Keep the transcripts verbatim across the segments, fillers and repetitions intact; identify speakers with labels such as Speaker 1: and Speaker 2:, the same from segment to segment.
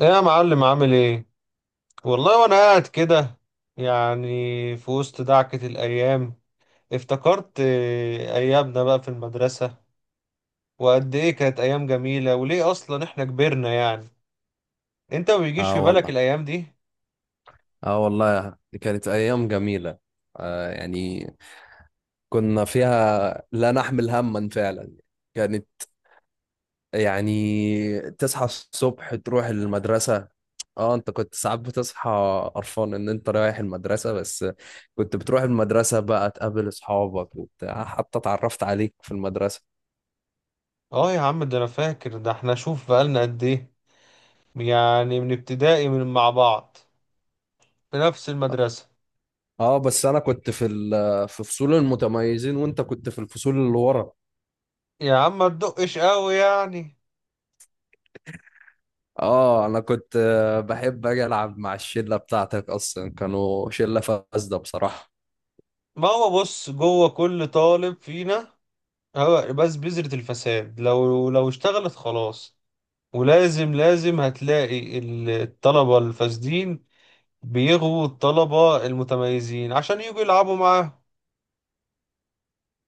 Speaker 1: ايه يا معلم؟ عامل ايه؟ والله وانا قاعد كده، يعني في وسط دعكة الايام افتكرت آه، ايامنا بقى في المدرسة وقد ايه كانت ايام جميلة، وليه اصلا احنا كبرنا يعني انت ما بيجيش
Speaker 2: اه
Speaker 1: في بالك
Speaker 2: والله
Speaker 1: الايام دي؟
Speaker 2: اه والله دي كانت ايام جميله. آه يعني كنا فيها لا نحمل هما فعلا. كانت، يعني، تصحى الصبح تروح المدرسه. اه، انت كنت ساعات بتصحى قرفان ان انت رايح المدرسه بس. كنت بتروح المدرسه بقى تقابل اصحابك وبتاع، حتى اتعرفت عليك في المدرسه.
Speaker 1: اه يا عم، ده انا فاكر ده، احنا شوف بقالنا قد ايه، يعني من ابتدائي من مع بعض في نفس المدرسة.
Speaker 2: اه بس انا كنت في ال- في فصول المتميزين، وانت كنت في الفصول اللي ورا.
Speaker 1: يا عم ما تدقش قوي يعني.
Speaker 2: اه انا كنت، آه، بحب اجي العب مع الشله بتاعتك، اصلا كانوا شله فاسده بصراحه.
Speaker 1: ما هو بص، جوه كل طالب فينا، اه، بس بذرة الفساد لو لو اشتغلت خلاص، ولازم لازم هتلاقي ال- الطلبة الفاسدين بيغوا الطلبة المتميزين عشان يجوا يلعبوا معاهم.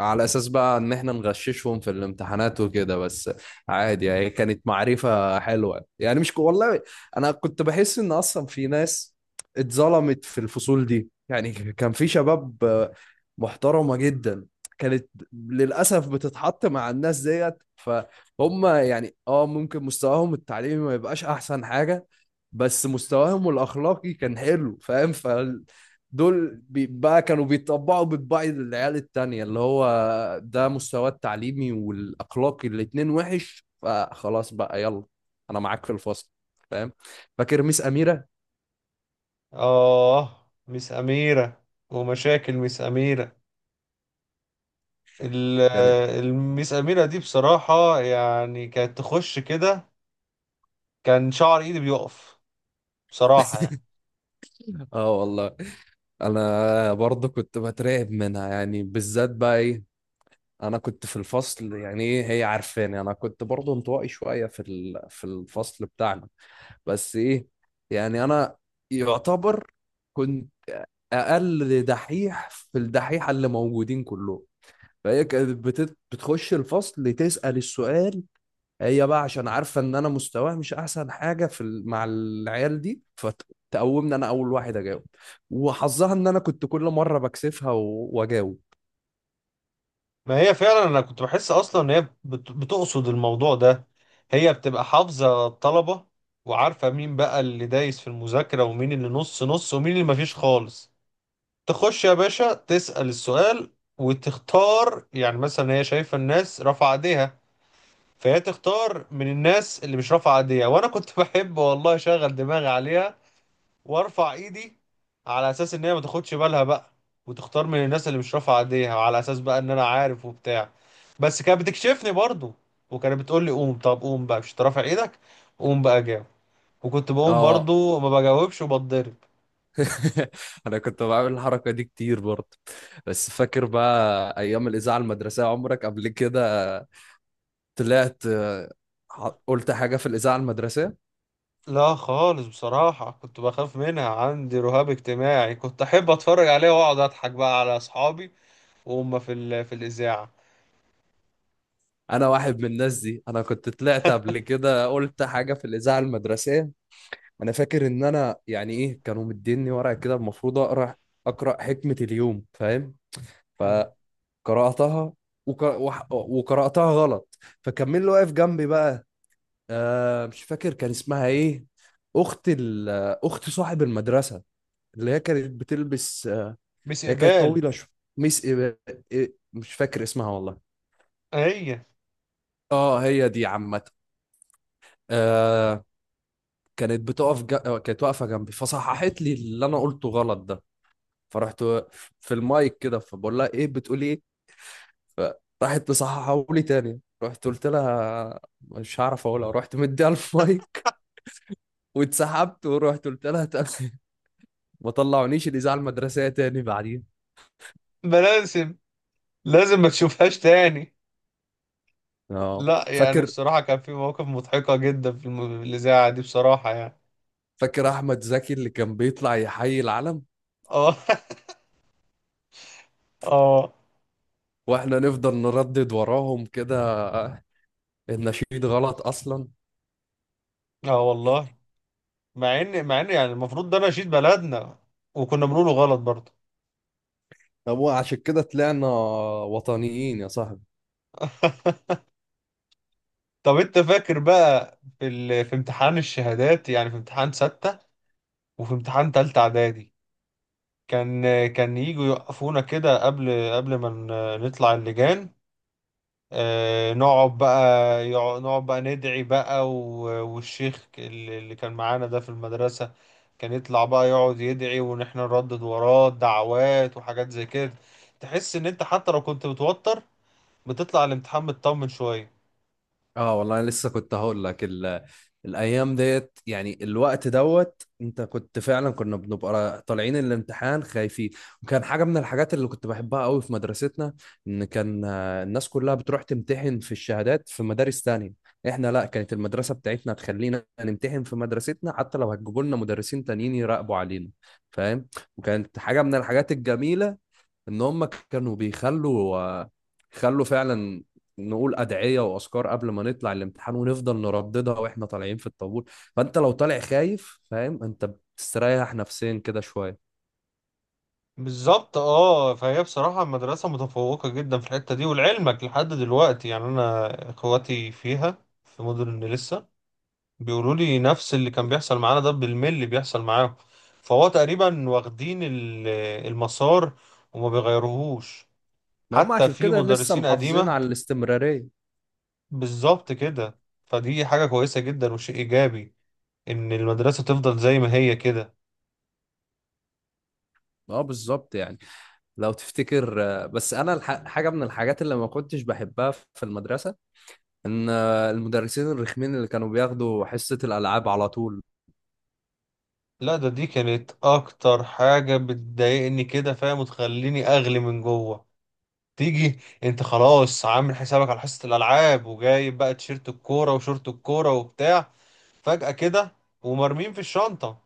Speaker 2: على اساس بقى ان احنا نغششهم في الامتحانات وكده بس. عادي يعني، كانت معرفة حلوة يعني، مش ك- والله انا كنت بحس ان اصلا في ناس اتظلمت في الفصول دي، يعني كان في شباب آه، محترمة جدا. كانت للأسف بتتحط مع الناس ديت، فهم يعني اه ممكن مستواهم التعليمي ما يبقاش احسن حاجة، بس مستواهم الاخلاقي كان حلو فاهم. دول بي- بقى كانوا بيطبعوا بطباع العيال التانية، اللي هو ده مستواه التعليمي والأخلاقي الاتنين وحش، فخلاص بقى يلا أنا معاك في الفصل، فاهم؟ فاكر ميس أميرة؟
Speaker 1: اه مس أميرة، ومشاكل مس أميرة. ال-
Speaker 2: كانت
Speaker 1: آه، المس أميرة دي بصراحة يعني كانت تخش كده، كان شعر إيدي بيقف بصراحة يعني.
Speaker 2: اه والله، انا برضه كنت بترعب منها، يعني بالذات بقى ايه، انا كنت في الفصل، يعني ايه، هي عارفاني انا كنت برضه انطوائي شويه في ال- في الفصل بتاعنا. بس ايه، يعني انا يعتبر كنت اقل دحيح في الدحيحه اللي موجودين كلهم. فهي كانت بت- بتخش الفصل تسال السؤال. هي بقى عشان عارفه ان انا مستواي مش احسن حاجه في ال- مع العيال دي، فتقومني انا اول واحد اجاوب. وحظها ان انا كنت كل مره بكسفها و- واجاوب.
Speaker 1: ما هي فعلا انا كنت بحس اصلا ان هي بت- بتقصد الموضوع ده. هي بتبقى حافظة الطلبة، وعارفة مين بقى اللي دايس في المذاكرة ومين اللي نص نص ومين اللي مفيش خالص. تخش يا باشا تسأل السؤال، وتختار يعني مثلا هي شايفة الناس رافعة ايديها، فهي تختار من الناس اللي مش رافعة ايديها. وانا كنت بحب والله اشغل دماغي عليها، وارفع ايدي على اساس ان هي ما تاخدش بالها بقى، وتختار من الناس اللي مش رافعه ايديها، وعلى اساس بقى ان انا عارف وبتاع. بس كانت بتكشفني برضو، وكانت بتقول لي قوم، طب قوم بقى مش رافع ايدك، قوم بقى جاوب. وكنت بقوم
Speaker 2: اه
Speaker 1: برضو ما بجاوبش وبتضرب.
Speaker 2: انا كنت بعمل الحركه دي كتير برضه. بس فاكر بقى ايام الاذاعه المدرسيه؟ عمرك قبل كده طلعت؟ آه، ح- قلت حاجه في الاذاعه المدرسيه.
Speaker 1: لا خالص، بصراحة كنت بخاف منها، عندي رهاب اجتماعي. كنت أحب أتفرج عليها وأقعد أضحك بقى على أصحابي وهم في ال... في الإذاعة.
Speaker 2: انا واحد من الناس دي، انا كنت طلعت قبل كده قلت حاجه في الاذاعه المدرسيه. انا فاكر ان انا يعني ايه، كانوا مديني ورقه كده المفروض اقرا، اقرا حكمه اليوم، فاهم؟
Speaker 1: مم.
Speaker 2: فقراتها، وك... وح... وقراتها غلط، فكمل اللي واقف جنبي بقى. آه مش فاكر كان اسمها ايه، اخت ال... اخت صاحب المدرسه، اللي هي كانت بتلبس، آه،
Speaker 1: مس
Speaker 2: هي كانت
Speaker 1: إقبال.
Speaker 2: طويله شويه. ميس إيه... إيه... مش فاكر اسمها والله.
Speaker 1: هي.
Speaker 2: اه، هي دي، عامه، آه، كانت بتقف ج... آه، كانت واقفه جنبي فصححت لي اللي انا قلته غلط ده. فرحت في المايك كده فبقول لها: ايه بتقولي ايه؟ فراحت مصححه لي تاني، رحت قلت لها: مش هعرف اقولها. رحت مديها المايك، واتسحبت. ورحت قلت لها تاني ما طلعونيش الاذاعه المدرسيه تاني بعدين.
Speaker 1: ما لازم، لازم ما تشوفهاش تاني.
Speaker 2: اه،
Speaker 1: لا يعني
Speaker 2: فاكر.
Speaker 1: بصراحة كان في مواقف مضحكة جدا في الم- في الإذاعة دي بصراحة يعني.
Speaker 2: فاكر احمد زكي اللي كان بيطلع يحيي العلم؟
Speaker 1: اه اه.
Speaker 2: واحنا نفضل نردد وراهم كده النشيد غلط اصلا.
Speaker 1: اه والله. مع ان مع ان يعني المفروض ده نشيد بلدنا، وكنا بنقوله غلط برضه.
Speaker 2: طب وعشان كده طلعنا وطنيين يا صاحبي.
Speaker 1: طب انت فاكر بقى في ال... في امتحان الشهادات، يعني في امتحان ستة وفي امتحان تالتة اعدادي، كان كان يجوا يوقفونا كده قبل قبل ما ن- نطلع اللجان، آه، نقعد بقى، يقع- نقعد بقى ندعي بقى، و- والشيخ اللي اللي كان معانا ده في المدرسة كان يطلع بقى يقعد يدعي وإن إحنا نردد وراه دعوات وحاجات زي كده. تحس إن أنت حتى لو كنت متوتر، بتطلع الامتحان مطمن شوية.
Speaker 2: اه والله، انا لسه كنت هقول لك ال... الايام ديت، يعني الوقت دوت، انت كنت فعلا كنا بنبقى طالعين الامتحان خايفين. وكان حاجه من الحاجات اللي كنت بحبها قوي في مدرستنا، ان كان آه، الناس كلها بتروح تمتحن في الشهادات في مدارس تانية. احنا لا، كانت المدرسه بتاعتنا تخلينا نمتحن في مدرستنا، حتى لو هتجيبوا لنا مدرسين تانيين يراقبوا علينا، فاهم؟ وكانت حاجه من الحاجات الجميله، ان هم كانوا بيخلوا آه، خلوا فعلا نقول ادعيه واذكار قبل ما نطلع الامتحان، ونفضل نرددها واحنا طالعين في الطابور. فانت لو طالع خايف، فاهم، انت بتستريح نفسيا كده شويه.
Speaker 1: بالظبط اه. فهي بصراحة المدرسة متفوقة جدا في الحتة دي، ولعلمك لحد دلوقتي يعني أنا إخواتي فيها في مدن لسه، بيقولوا لي نفس اللي كان بيحصل معانا ده بالملي بيحصل معاهم. فهو تقريبا واخدين ال- المسار وما بيغيروهوش،
Speaker 2: ما هم
Speaker 1: حتى
Speaker 2: عشان
Speaker 1: في
Speaker 2: كده لسه
Speaker 1: مدرسين
Speaker 2: محافظين
Speaker 1: قديمة.
Speaker 2: على الاستمراريه.
Speaker 1: بالظبط كده. فدي حاجة كويسة جدا وشيء إيجابي إن المدرسة تفضل زي ما هي كده.
Speaker 2: اه بالظبط، يعني لو تفتكر، آه، بس انا الح- حاجه من الحاجات اللي ما كنتش بحبها في المدرسه ان آه، المدرسين الرخمين اللي كانوا بياخدوا حصه الالعاب على طول.
Speaker 1: لا ده دي كانت أكتر حاجة بتضايقني كده، فاهم، وتخليني أغلي من جوه. تيجي انت خلاص عامل حسابك على حصة الالعاب وجايب بقى تيشيرت الكورة وشورت الكورة وبتاع، فجأة كده ومرمين في الشنطة،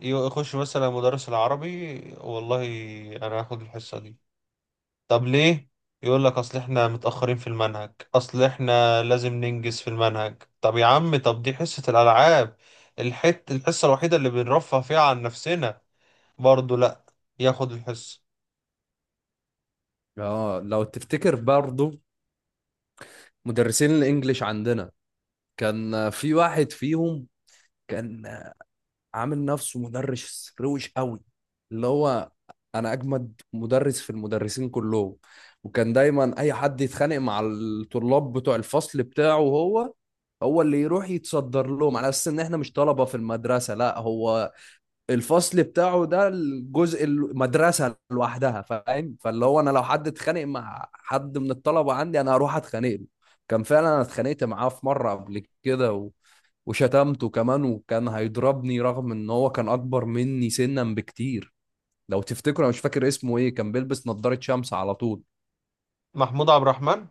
Speaker 1: يخش مثلا مدرس العربي: والله انا هاخد الحصة دي. طب ليه؟ يقول لك اصل احنا متأخرين في المنهج، اصل احنا لازم ننجز في المنهج. طب يا عم، طب دي حصة الالعاب، الحت الحصة الوحيدة اللي بنرفه فيها عن نفسنا، برضه لا، ياخد الحصة.
Speaker 2: اه لو تفتكر برضو، مدرسين الانجليش عندنا، كان في واحد فيهم كان عامل نفسه مدرس روش قوي، اللي هو انا اجمد مدرس في المدرسين كلهم. وكان دايما اي حد يتخانق مع الطلاب بتوع الفصل بتاعه، هو هو اللي يروح يتصدر لهم، على اساس ان احنا مش طلبة في المدرسة، لا هو، الفصل بتاعه ده الجزء المدرسة لوحدها، فاهم؟ فاللي هو انا، لو حد اتخانق مع حد من الطلبة عندي انا هروح اتخانق له. كان فعلا انا اتخانقت معاه في مرة قبل كده، وشتمته كمان، وكان هيضربني رغم ان هو كان اكبر مني سنا بكتير. لو تفتكروا، انا مش فاكر اسمه ايه، كان بيلبس نظارة شمس على طول.
Speaker 1: محمود عبد الرحمن.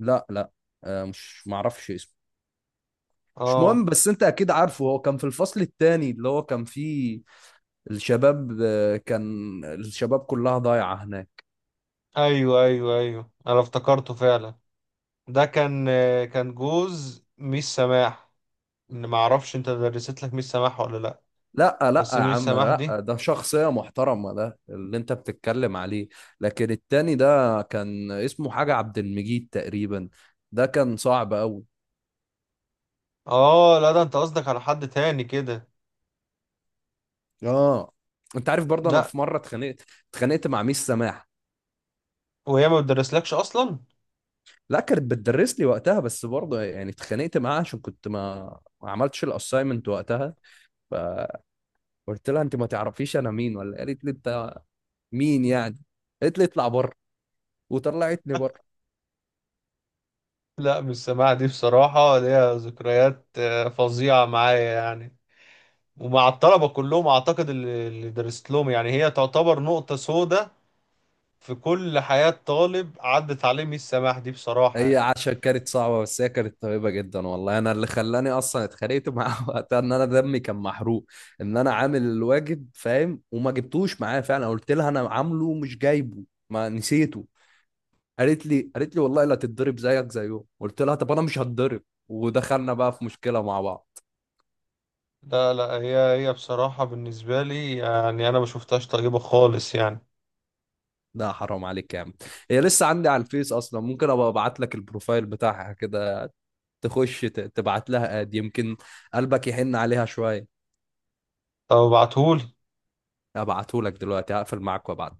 Speaker 2: لا لا، آه مش معرفش اسمه. مش مهم،
Speaker 1: اه
Speaker 2: بس انت اكيد عارفه، هو كان في الفصل التاني اللي هو كان فيه الشباب، آه، كان الشباب كلها ضايعة هناك.
Speaker 1: ايوه ايوه ايوه انا افتكرته فعلا. ده كان آه، كان جوز ميس سماح. ان ما اعرفش انت درست لك ميس سماح ولا لا؟
Speaker 2: لا لا
Speaker 1: بس
Speaker 2: يا
Speaker 1: ميس
Speaker 2: عم،
Speaker 1: سماح دي.
Speaker 2: لا ده شخصية محترمة ده اللي انت بتتكلم عليه. لكن التاني ده كان اسمه حاجة عبد المجيد تقريبا، ده كان صعب قوي.
Speaker 1: اه لا، ده انت قصدك على حد تاني كده.
Speaker 2: اه، انت عارف برضه انا
Speaker 1: لا.
Speaker 2: في مره اتخانقت، اتخانقت مع ميس سماح.
Speaker 1: وهي ما بتدرسلكش اصلا؟
Speaker 2: لا كانت بتدرس لي وقتها، بس برضه يعني اتخانقت معاها عشان كنت ما ما عملتش الاساينمنت وقتها. فقلت لها: انت ما تعرفيش انا مين؟ ولا قالت لي: انت مين يعني؟ قالت لي اطلع بره، وطلعتني بره.
Speaker 1: لا ميس سماح دي بصراحة ليها ذكريات آه، فظيعة معايا يعني، ومع الطلبة كلهم اعتقد اللي اللي درست لهم، يعني هي تعتبر نقطة سوداء في كل حياة طالب عدت عليه ميس سماح دي بصراحة
Speaker 2: هي
Speaker 1: يعني.
Speaker 2: عشان كانت صعبه، بس هي كانت طيبه جدا والله. انا اللي خلاني اصلا اتخانقت معاها وقتها، ان انا دمي كان محروق، ان انا عامل الواجب فاهم وما جبتوش معايا. فعلا قلت لها انا عامله مش جايبه، ما نسيته. قالت لي قالت لي والله لا تتضرب زيك زيه، قلت لها: طب انا مش هتضرب. ودخلنا بقى في مشكله مع بعض.
Speaker 1: لا لا هي، هي بصراحة بالنسبة لي يعني أنا ما شفتهاش طيبة خالص يعني.
Speaker 2: لا حرام عليك يا عم، هي لسه عندي على الفيس اصلا، ممكن ابقى ابعت لك البروفايل بتاعها كده، تخش ت- تبعت لها اد يمكن قلبك يحن عليها شويه.
Speaker 1: طب ابعتهولي.
Speaker 2: ابعته لك دلوقتي، هقفل معاك وابعت.